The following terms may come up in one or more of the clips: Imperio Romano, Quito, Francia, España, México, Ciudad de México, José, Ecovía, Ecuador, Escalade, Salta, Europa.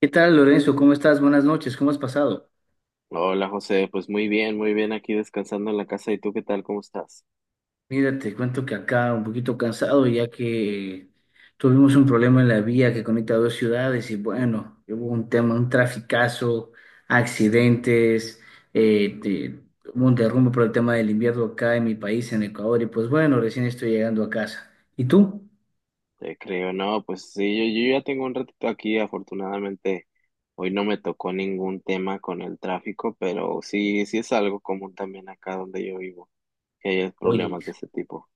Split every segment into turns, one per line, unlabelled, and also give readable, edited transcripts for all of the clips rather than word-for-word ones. ¿Qué tal, Lorenzo? ¿Cómo estás? Buenas noches, ¿cómo has pasado?
Hola José, pues muy bien aquí descansando en la casa. ¿Y tú qué tal? ¿Cómo estás?
Mira, te cuento que acá un poquito cansado ya que tuvimos un problema en la vía que conecta dos ciudades y bueno, hubo un tema, un traficazo, accidentes, eh, de- hubo un derrumbe por el tema del invierno acá en mi país, en Ecuador, y pues bueno, recién estoy llegando a casa. ¿Y tú?
Te creo, no, pues sí, yo ya tengo un ratito aquí. Afortunadamente, hoy no me tocó ningún tema con el tráfico, pero sí, sí es algo común también acá donde yo vivo, que hay
Oye.
problemas de ese tipo.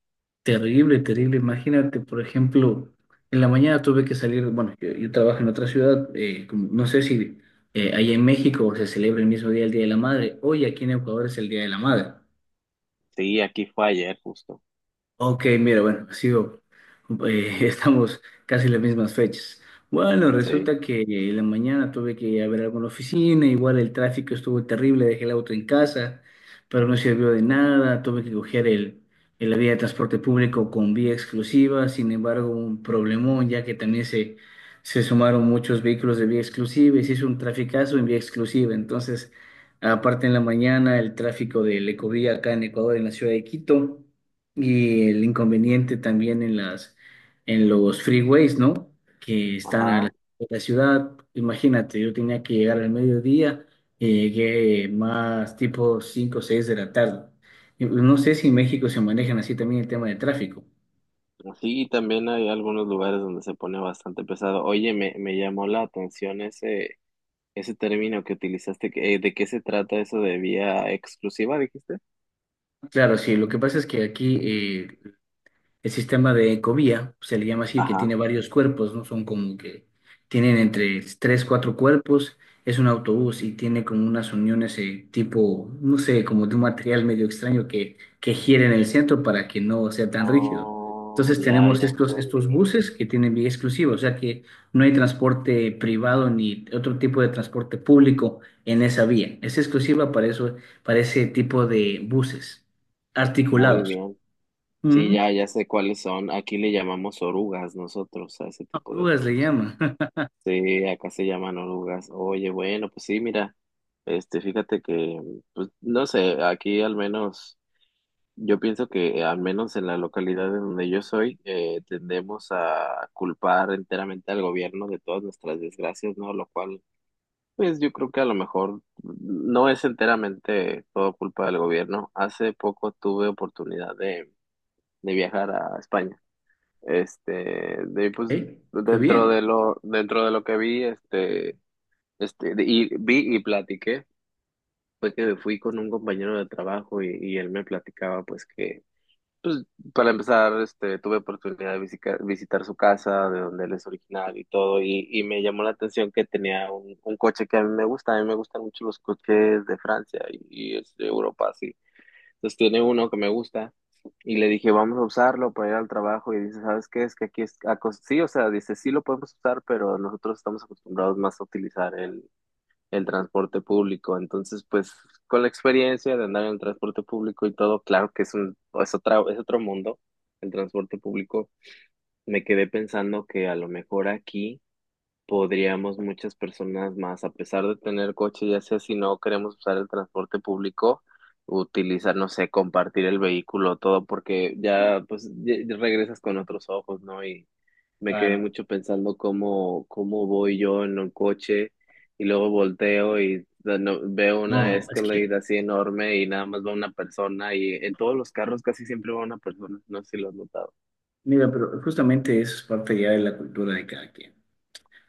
Terrible, terrible. Imagínate, por ejemplo, en la mañana tuve que salir, bueno, yo trabajo en otra ciudad, no sé si allá en México se celebra el mismo día el Día de la Madre, hoy aquí en Ecuador es el Día de la Madre.
Sí, aquí fue ayer justo.
Ok, mira, bueno, sigo. Estamos casi en las mismas fechas. Bueno,
Sí,
resulta que en la mañana tuve que ir a ver algo en la oficina, igual el tráfico estuvo terrible, dejé el auto en casa, pero no sirvió de nada, tuve que coger la vía de transporte público con vía exclusiva, sin embargo, un problemón, ya que también se sumaron muchos vehículos de vía exclusiva y se hizo un traficazo en vía exclusiva. Entonces, aparte en la mañana, el tráfico del Ecovía acá en Ecuador, en la ciudad de Quito. Y el inconveniente también en en los freeways, ¿no? Que están a
ajá.
de la ciudad. Imagínate, yo tenía que llegar al mediodía y llegué más tipo 5 o 6 de la tarde. Y pues, no sé si en México se manejan así también el tema de tráfico.
Sí, y también hay algunos lugares donde se pone bastante pesado. Oye, me llamó la atención ese término que utilizaste. ¿De qué se trata eso de vía exclusiva, dijiste?
Claro, sí, lo que pasa es que aquí el sistema de ecovía se le llama así, que tiene
Ajá.
varios cuerpos, ¿no? Son como que tienen entre tres, cuatro cuerpos. Es un autobús y tiene como unas uniones tipo, no sé, como de un material medio extraño que gira en el centro para que no sea tan rígido.
Oh,
Entonces
ya,
tenemos
ya entendí.
estos buses que tienen vía exclusiva, o sea que no hay transporte privado ni otro tipo de transporte público en esa vía. Es exclusiva para eso, para ese tipo de buses
Muy
articulados.
bien. Sí, ya, ya sé cuáles son. Aquí le llamamos orugas nosotros a ese tipo de
Rugas le
autobús.
llama.
Sí, acá se llaman orugas. Oye, bueno, pues sí, mira, fíjate que, pues, no sé, aquí al menos, yo pienso que al menos en la localidad de donde yo soy, tendemos a culpar enteramente al gobierno de todas nuestras desgracias, ¿no? Lo cual, pues yo creo que a lo mejor no es enteramente todo culpa del gobierno. Hace poco tuve oportunidad de viajar a España. Este, de pues
¿Eh? Qué bien.
dentro de lo que vi, y vi y platiqué, fue que fui con un compañero de trabajo y, él me platicaba pues que para empezar, tuve oportunidad de visitar su casa, de donde él es originario y todo, y me llamó la atención que tenía un coche que a mí me gusta, a mí me gustan mucho los coches de Francia y es de Europa, sí. Entonces tiene uno que me gusta y le dije, vamos a usarlo para ir al trabajo y dice, ¿sabes qué? Es que aquí es, sí, o sea, dice, sí lo podemos usar, pero nosotros estamos acostumbrados más a utilizar el transporte público. Entonces, pues con la experiencia de andar en el transporte público y todo, claro que es un, es otra, es otro mundo, el transporte público. Me quedé pensando que a lo mejor aquí podríamos muchas personas más, a pesar de tener coche, ya sea si no queremos usar el transporte público, utilizar, no sé, compartir el vehículo, todo, porque ya pues ya regresas con otros ojos, ¿no? Y me quedé
Claro.
mucho pensando cómo voy yo en un coche y luego volteo y veo una
No, es que,
Escalade así enorme y nada más va una persona y en todos los carros casi siempre va una persona, no sé si lo has notado.
mira, pero justamente eso es parte ya de la cultura de cada quien.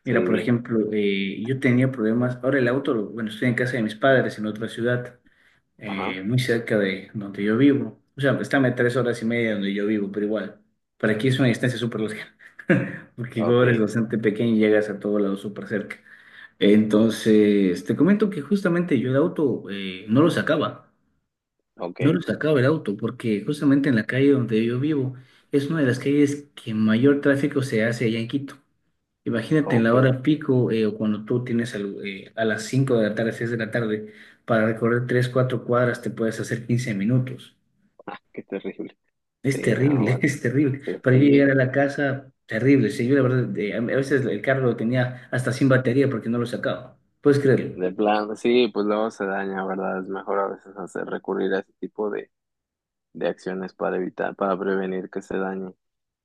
Mira, por
Sí,
ejemplo, yo tenía problemas, ahora el auto, bueno, estoy en casa de mis padres en otra ciudad,
ajá,
muy cerca de donde yo vivo. O sea, pues, están a 3 horas y media de donde yo vivo, pero igual, para aquí es una distancia súper larga, porque Ecuador es
okay,
bastante pequeño y llegas a todo lado súper cerca. Entonces, te comento que justamente yo el auto no lo sacaba. No lo
okay,
sacaba el auto porque justamente en la calle donde yo vivo es una de las calles que mayor tráfico se hace allá en Quito. Imagínate en la
okay,
hora pico o cuando tú tienes a las 5 de la tarde, 6 de la tarde, para recorrer 3, 4 cuadras te puedes hacer 15 minutos.
ah, qué terrible.
Es
Sí, ah,
terrible,
bueno,
es terrible.
sí,
Para yo
sí,
llegar a la casa, terrible. Sí, yo la verdad, a veces el carro lo tenía hasta sin batería porque no lo sacaba. ¿Puedes creerlo?
de plan, sí, pues luego se daña, ¿verdad? Es mejor a veces hacer recurrir a ese tipo de acciones para evitar, para prevenir que se dañe.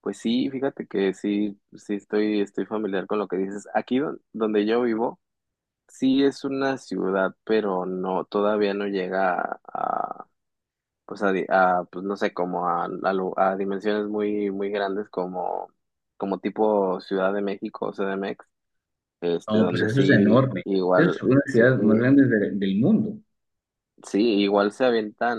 Pues sí, fíjate que sí, sí estoy, estoy familiar con lo que dices. Aquí donde yo vivo, sí es una ciudad, pero no, todavía no llega pues pues no sé, como a dimensiones muy, muy grandes como, como tipo Ciudad de México o CDMX,
No, pues
donde
eso es
sí,
enorme. Eso es
igual,
una
sí.
ciudad más grande del mundo.
Sí, igual se avientan.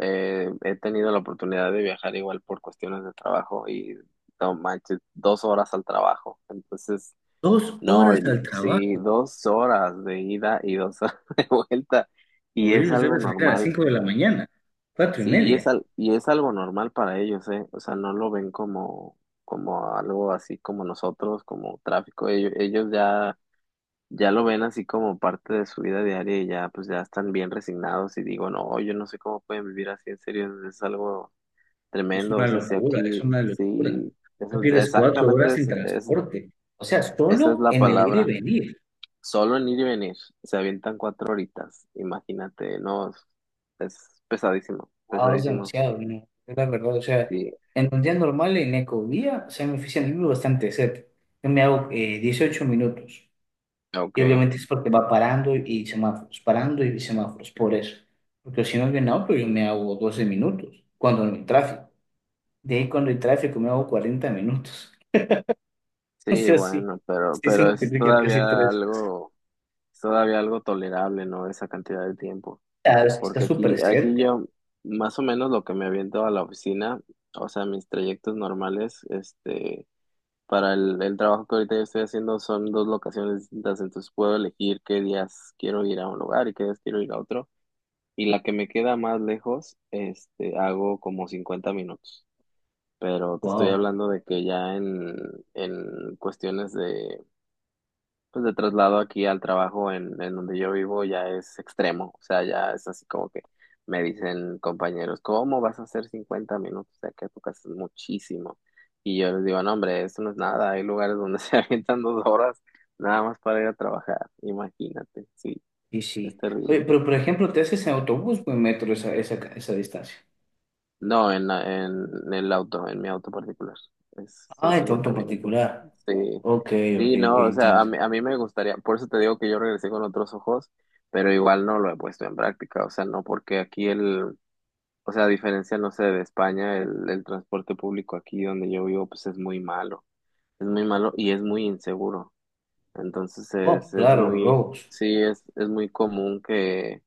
He tenido la oportunidad de viajar igual por cuestiones de trabajo y no manches, dos horas al trabajo. Entonces,
Dos
no,
horas al
sí,
trabajo.
dos horas de ida y dos horas de vuelta. Y es
Morir
algo
debe salir a las
normal,
5 de la mañana, cuatro y
sí, y es,
media.
y es algo normal para ellos, ¿eh? O sea, no lo ven como, como algo así como nosotros, como tráfico. Ellos ya ya lo ven así como parte de su vida diaria y ya pues ya están bien resignados y digo, no, yo no sé cómo pueden vivir así, en serio, es algo
Es
tremendo,
una
o sea, si
locura, es
aquí,
una locura.
sí,
Ya pierdes cuatro
exactamente
horas en transporte. O sea,
esa es
solo
la
en el ir y
palabra,
venir.
solo en ir y venir, se avientan cuatro horitas, imagínate, no, es pesadísimo,
Wow, es
pesadísimo,
demasiado, ¿no? Es la verdad, o sea,
sí,
en un día normal en Ecovía, o sea, me oficina vivo bastante cerca. Yo me hago 18 minutos. Y
okay,
obviamente es porque va parando y semáforos, por eso. Porque si no es bien auto, yo me hago 12 minutos, cuando no hay tráfico. De ahí cuando hay tráfico me hago 40 minutos. O
sí,
sea, sí,
bueno,
sí se
pero
multiplica casi tres veces.
es todavía algo tolerable, ¿no? Esa cantidad de tiempo.
Ah, es que está
Porque
súper
aquí,
cerca.
más o menos lo que me aviento a la oficina, o sea, mis trayectos normales, para el trabajo que ahorita yo estoy haciendo son dos locaciones distintas, entonces puedo elegir qué días quiero ir a un lugar y qué días quiero ir a otro. Y la que me queda más lejos, hago como 50 minutos. Pero te estoy
Wow.
hablando de que ya en cuestiones de pues de traslado aquí al trabajo en donde yo vivo ya es extremo, o sea, ya es así como que me dicen compañeros, ¿cómo vas a hacer 50 minutos de aquí a tu casa? Es muchísimo. Y yo les digo, no, hombre, eso no es nada, hay lugares donde se avientan dos horas nada más para ir a trabajar, imagínate, sí,
Y
es
sí.
terrible.
Oye, pero por ejemplo, ¿te haces en autobús o en metro esa distancia?
No, en el auto, en mi auto particular. Son
Ah, en tu auto
50
en
minutos.
particular.
Sí,
Ok,
sí,
ok,
no, o sea,
entiendo.
a mí me gustaría, por eso te digo que yo regresé con otros ojos, pero igual no lo he puesto en práctica, o sea, no, porque aquí o sea, a diferencia, no sé, de España, el transporte público aquí donde yo vivo, pues es muy malo y es muy inseguro. Entonces
Oh,
es
claro,
muy,
Rose.
sí, es muy común que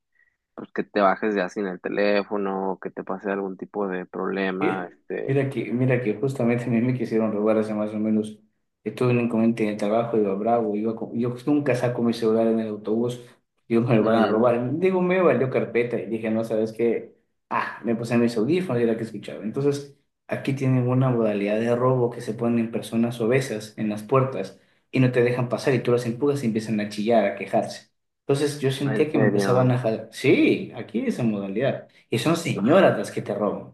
pues que te bajes ya sin el teléfono, que te pase algún tipo de problema,
Eh, Mira que justamente a mí me quisieron robar hace más o menos, estuve en un inconveniente en el trabajo, iba bravo, yo nunca saco mi celular en el autobús, digo, me lo van a
ujú.
robar, digo, me valió carpeta y dije, no, ¿sabes qué? Ah, me puse mis audífonos y era que escuchaba. Entonces, aquí tienen una modalidad de robo que se ponen personas obesas en las puertas y no te dejan pasar y tú las empujas y empiezan a chillar, a quejarse. Entonces, yo
En
sentía que me empezaban a
serio,
jalar, sí, aquí esa modalidad, y son señoras las que te roban,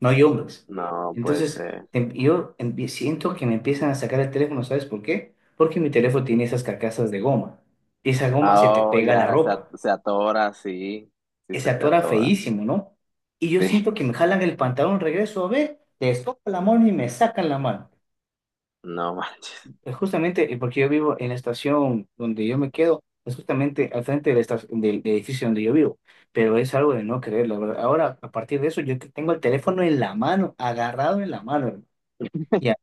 no hay hombres.
no puede
Entonces,
ser.
siento que me empiezan a sacar el teléfono, ¿sabes por qué? Porque mi teléfono tiene esas carcasas de goma. Y esa goma
Ah,
se te
oh,
pega a la
ya se,
ropa.
se atora, sí, sí
Se
se te
atora
atora,
feísimo, ¿no? Y yo
sí,
siento que me jalan el pantalón, regreso a ver, les toco la mano y me sacan la mano.
no manches,
Es justamente porque yo vivo en la estación donde yo me quedo, es justamente al frente de la del edificio donde yo vivo. Pero es algo de no creer, la verdad. Ahora, a partir de eso, yo tengo el teléfono en la mano, agarrado en la mano, hermano.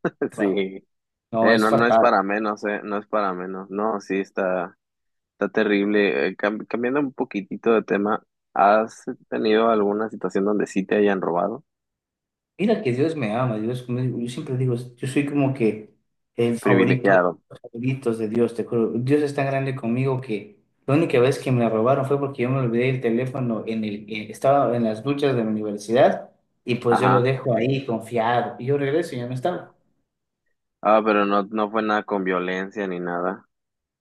Ya,
sí.
no, es
No, no es
fatal.
para menos, no es para menos, no, sí, está, está terrible. Cambiando un poquitito de tema, ¿has tenido alguna situación donde sí te hayan robado?
Mira que Dios me ama, Dios, yo siempre digo, yo soy como que el favorito,
Privilegiado,
los favoritos de Dios, te juro. Dios es tan grande conmigo que la única vez que me la robaron fue porque yo me olvidé el teléfono en el, estaba en las duchas de mi universidad y pues yo lo
ajá,
dejo ahí confiado y yo regreso y ya no estaba.
ah, pero no, no fue nada con violencia ni nada.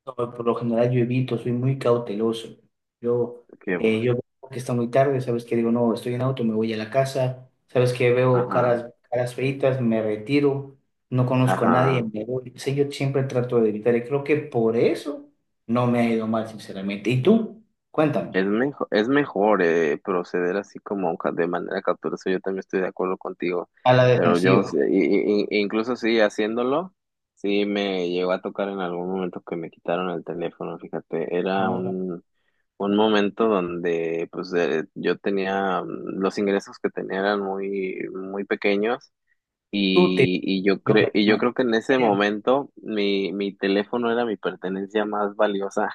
No, por lo general yo evito, soy muy cauteloso. Yo,
Que,
yo veo que está muy tarde, ¿sabes que Digo, no, estoy en auto, me voy a la casa, ¿sabes que Veo
ajá,
caras, caras feitas, me retiro, no conozco a nadie,
ajá.
me voy. Sí, yo siempre trato de evitar y creo que por eso no me ha ido mal, sinceramente. ¿Y tú? Cuéntame.
Es mejor proceder así como de manera cautelosa. Yo también estoy de acuerdo contigo,
A la
pero yo,
defensiva.
incluso sí, haciéndolo, sí me llegó a tocar en algún momento que me quitaron el teléfono, fíjate, era
No,
un momento donde pues yo tenía, los ingresos que tenía eran muy, muy pequeños.
tú te...
Y yo
Yo,
cre y yo
hermano,
creo que en ese
bien,
momento mi teléfono era mi pertenencia más valiosa.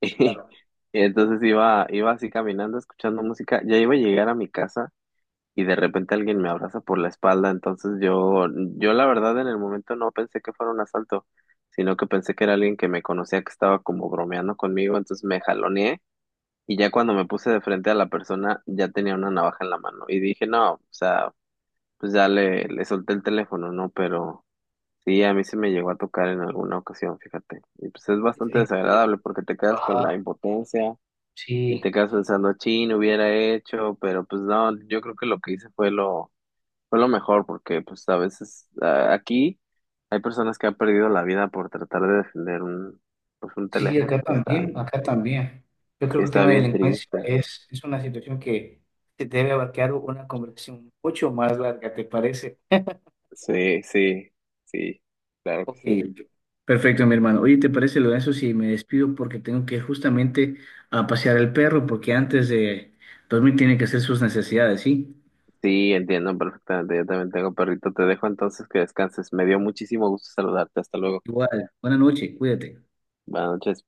claro.
Y entonces iba, iba así caminando, escuchando música, ya iba a llegar a mi casa y de repente alguien me abraza por la espalda, entonces yo la verdad en el momento no pensé que fuera un asalto, sino que pensé que era alguien que me conocía, que estaba como bromeando conmigo, entonces me jaloneé y ya cuando me puse de frente a la persona ya tenía una navaja en la mano y dije, no, o sea, pues ya le solté el teléfono, ¿no? Pero... Sí, a mí se me llegó a tocar en alguna ocasión, fíjate. Y pues es bastante
Es que,
desagradable porque te quedas con
ajá,
la impotencia, y te
sí.
quedas pensando, chin, hubiera hecho, pero pues no, yo creo que lo que hice fue fue lo mejor, porque pues a veces ah, aquí hay personas que han perdido la vida por tratar de defender un, pues un
Sí,
teléfono,
acá también, acá también. Yo creo
y
que el
está
tema de la
bien
delincuencia
triste.
es una situación que te debe abarcar una conversación mucho más larga, ¿te parece?
Sí, sí, sí, claro que
Ok,
sí.
perfecto, mi hermano. Oye, ¿te parece, Lorenzo, si me despido porque tengo que ir justamente a pasear al perro porque antes de dormir tiene que hacer sus necesidades, sí?
Sí, entiendo perfectamente, yo también tengo perrito, te dejo entonces que descanses. Me dio muchísimo gusto saludarte, hasta luego.
Igual, buena noche, cuídate.
Buenas noches.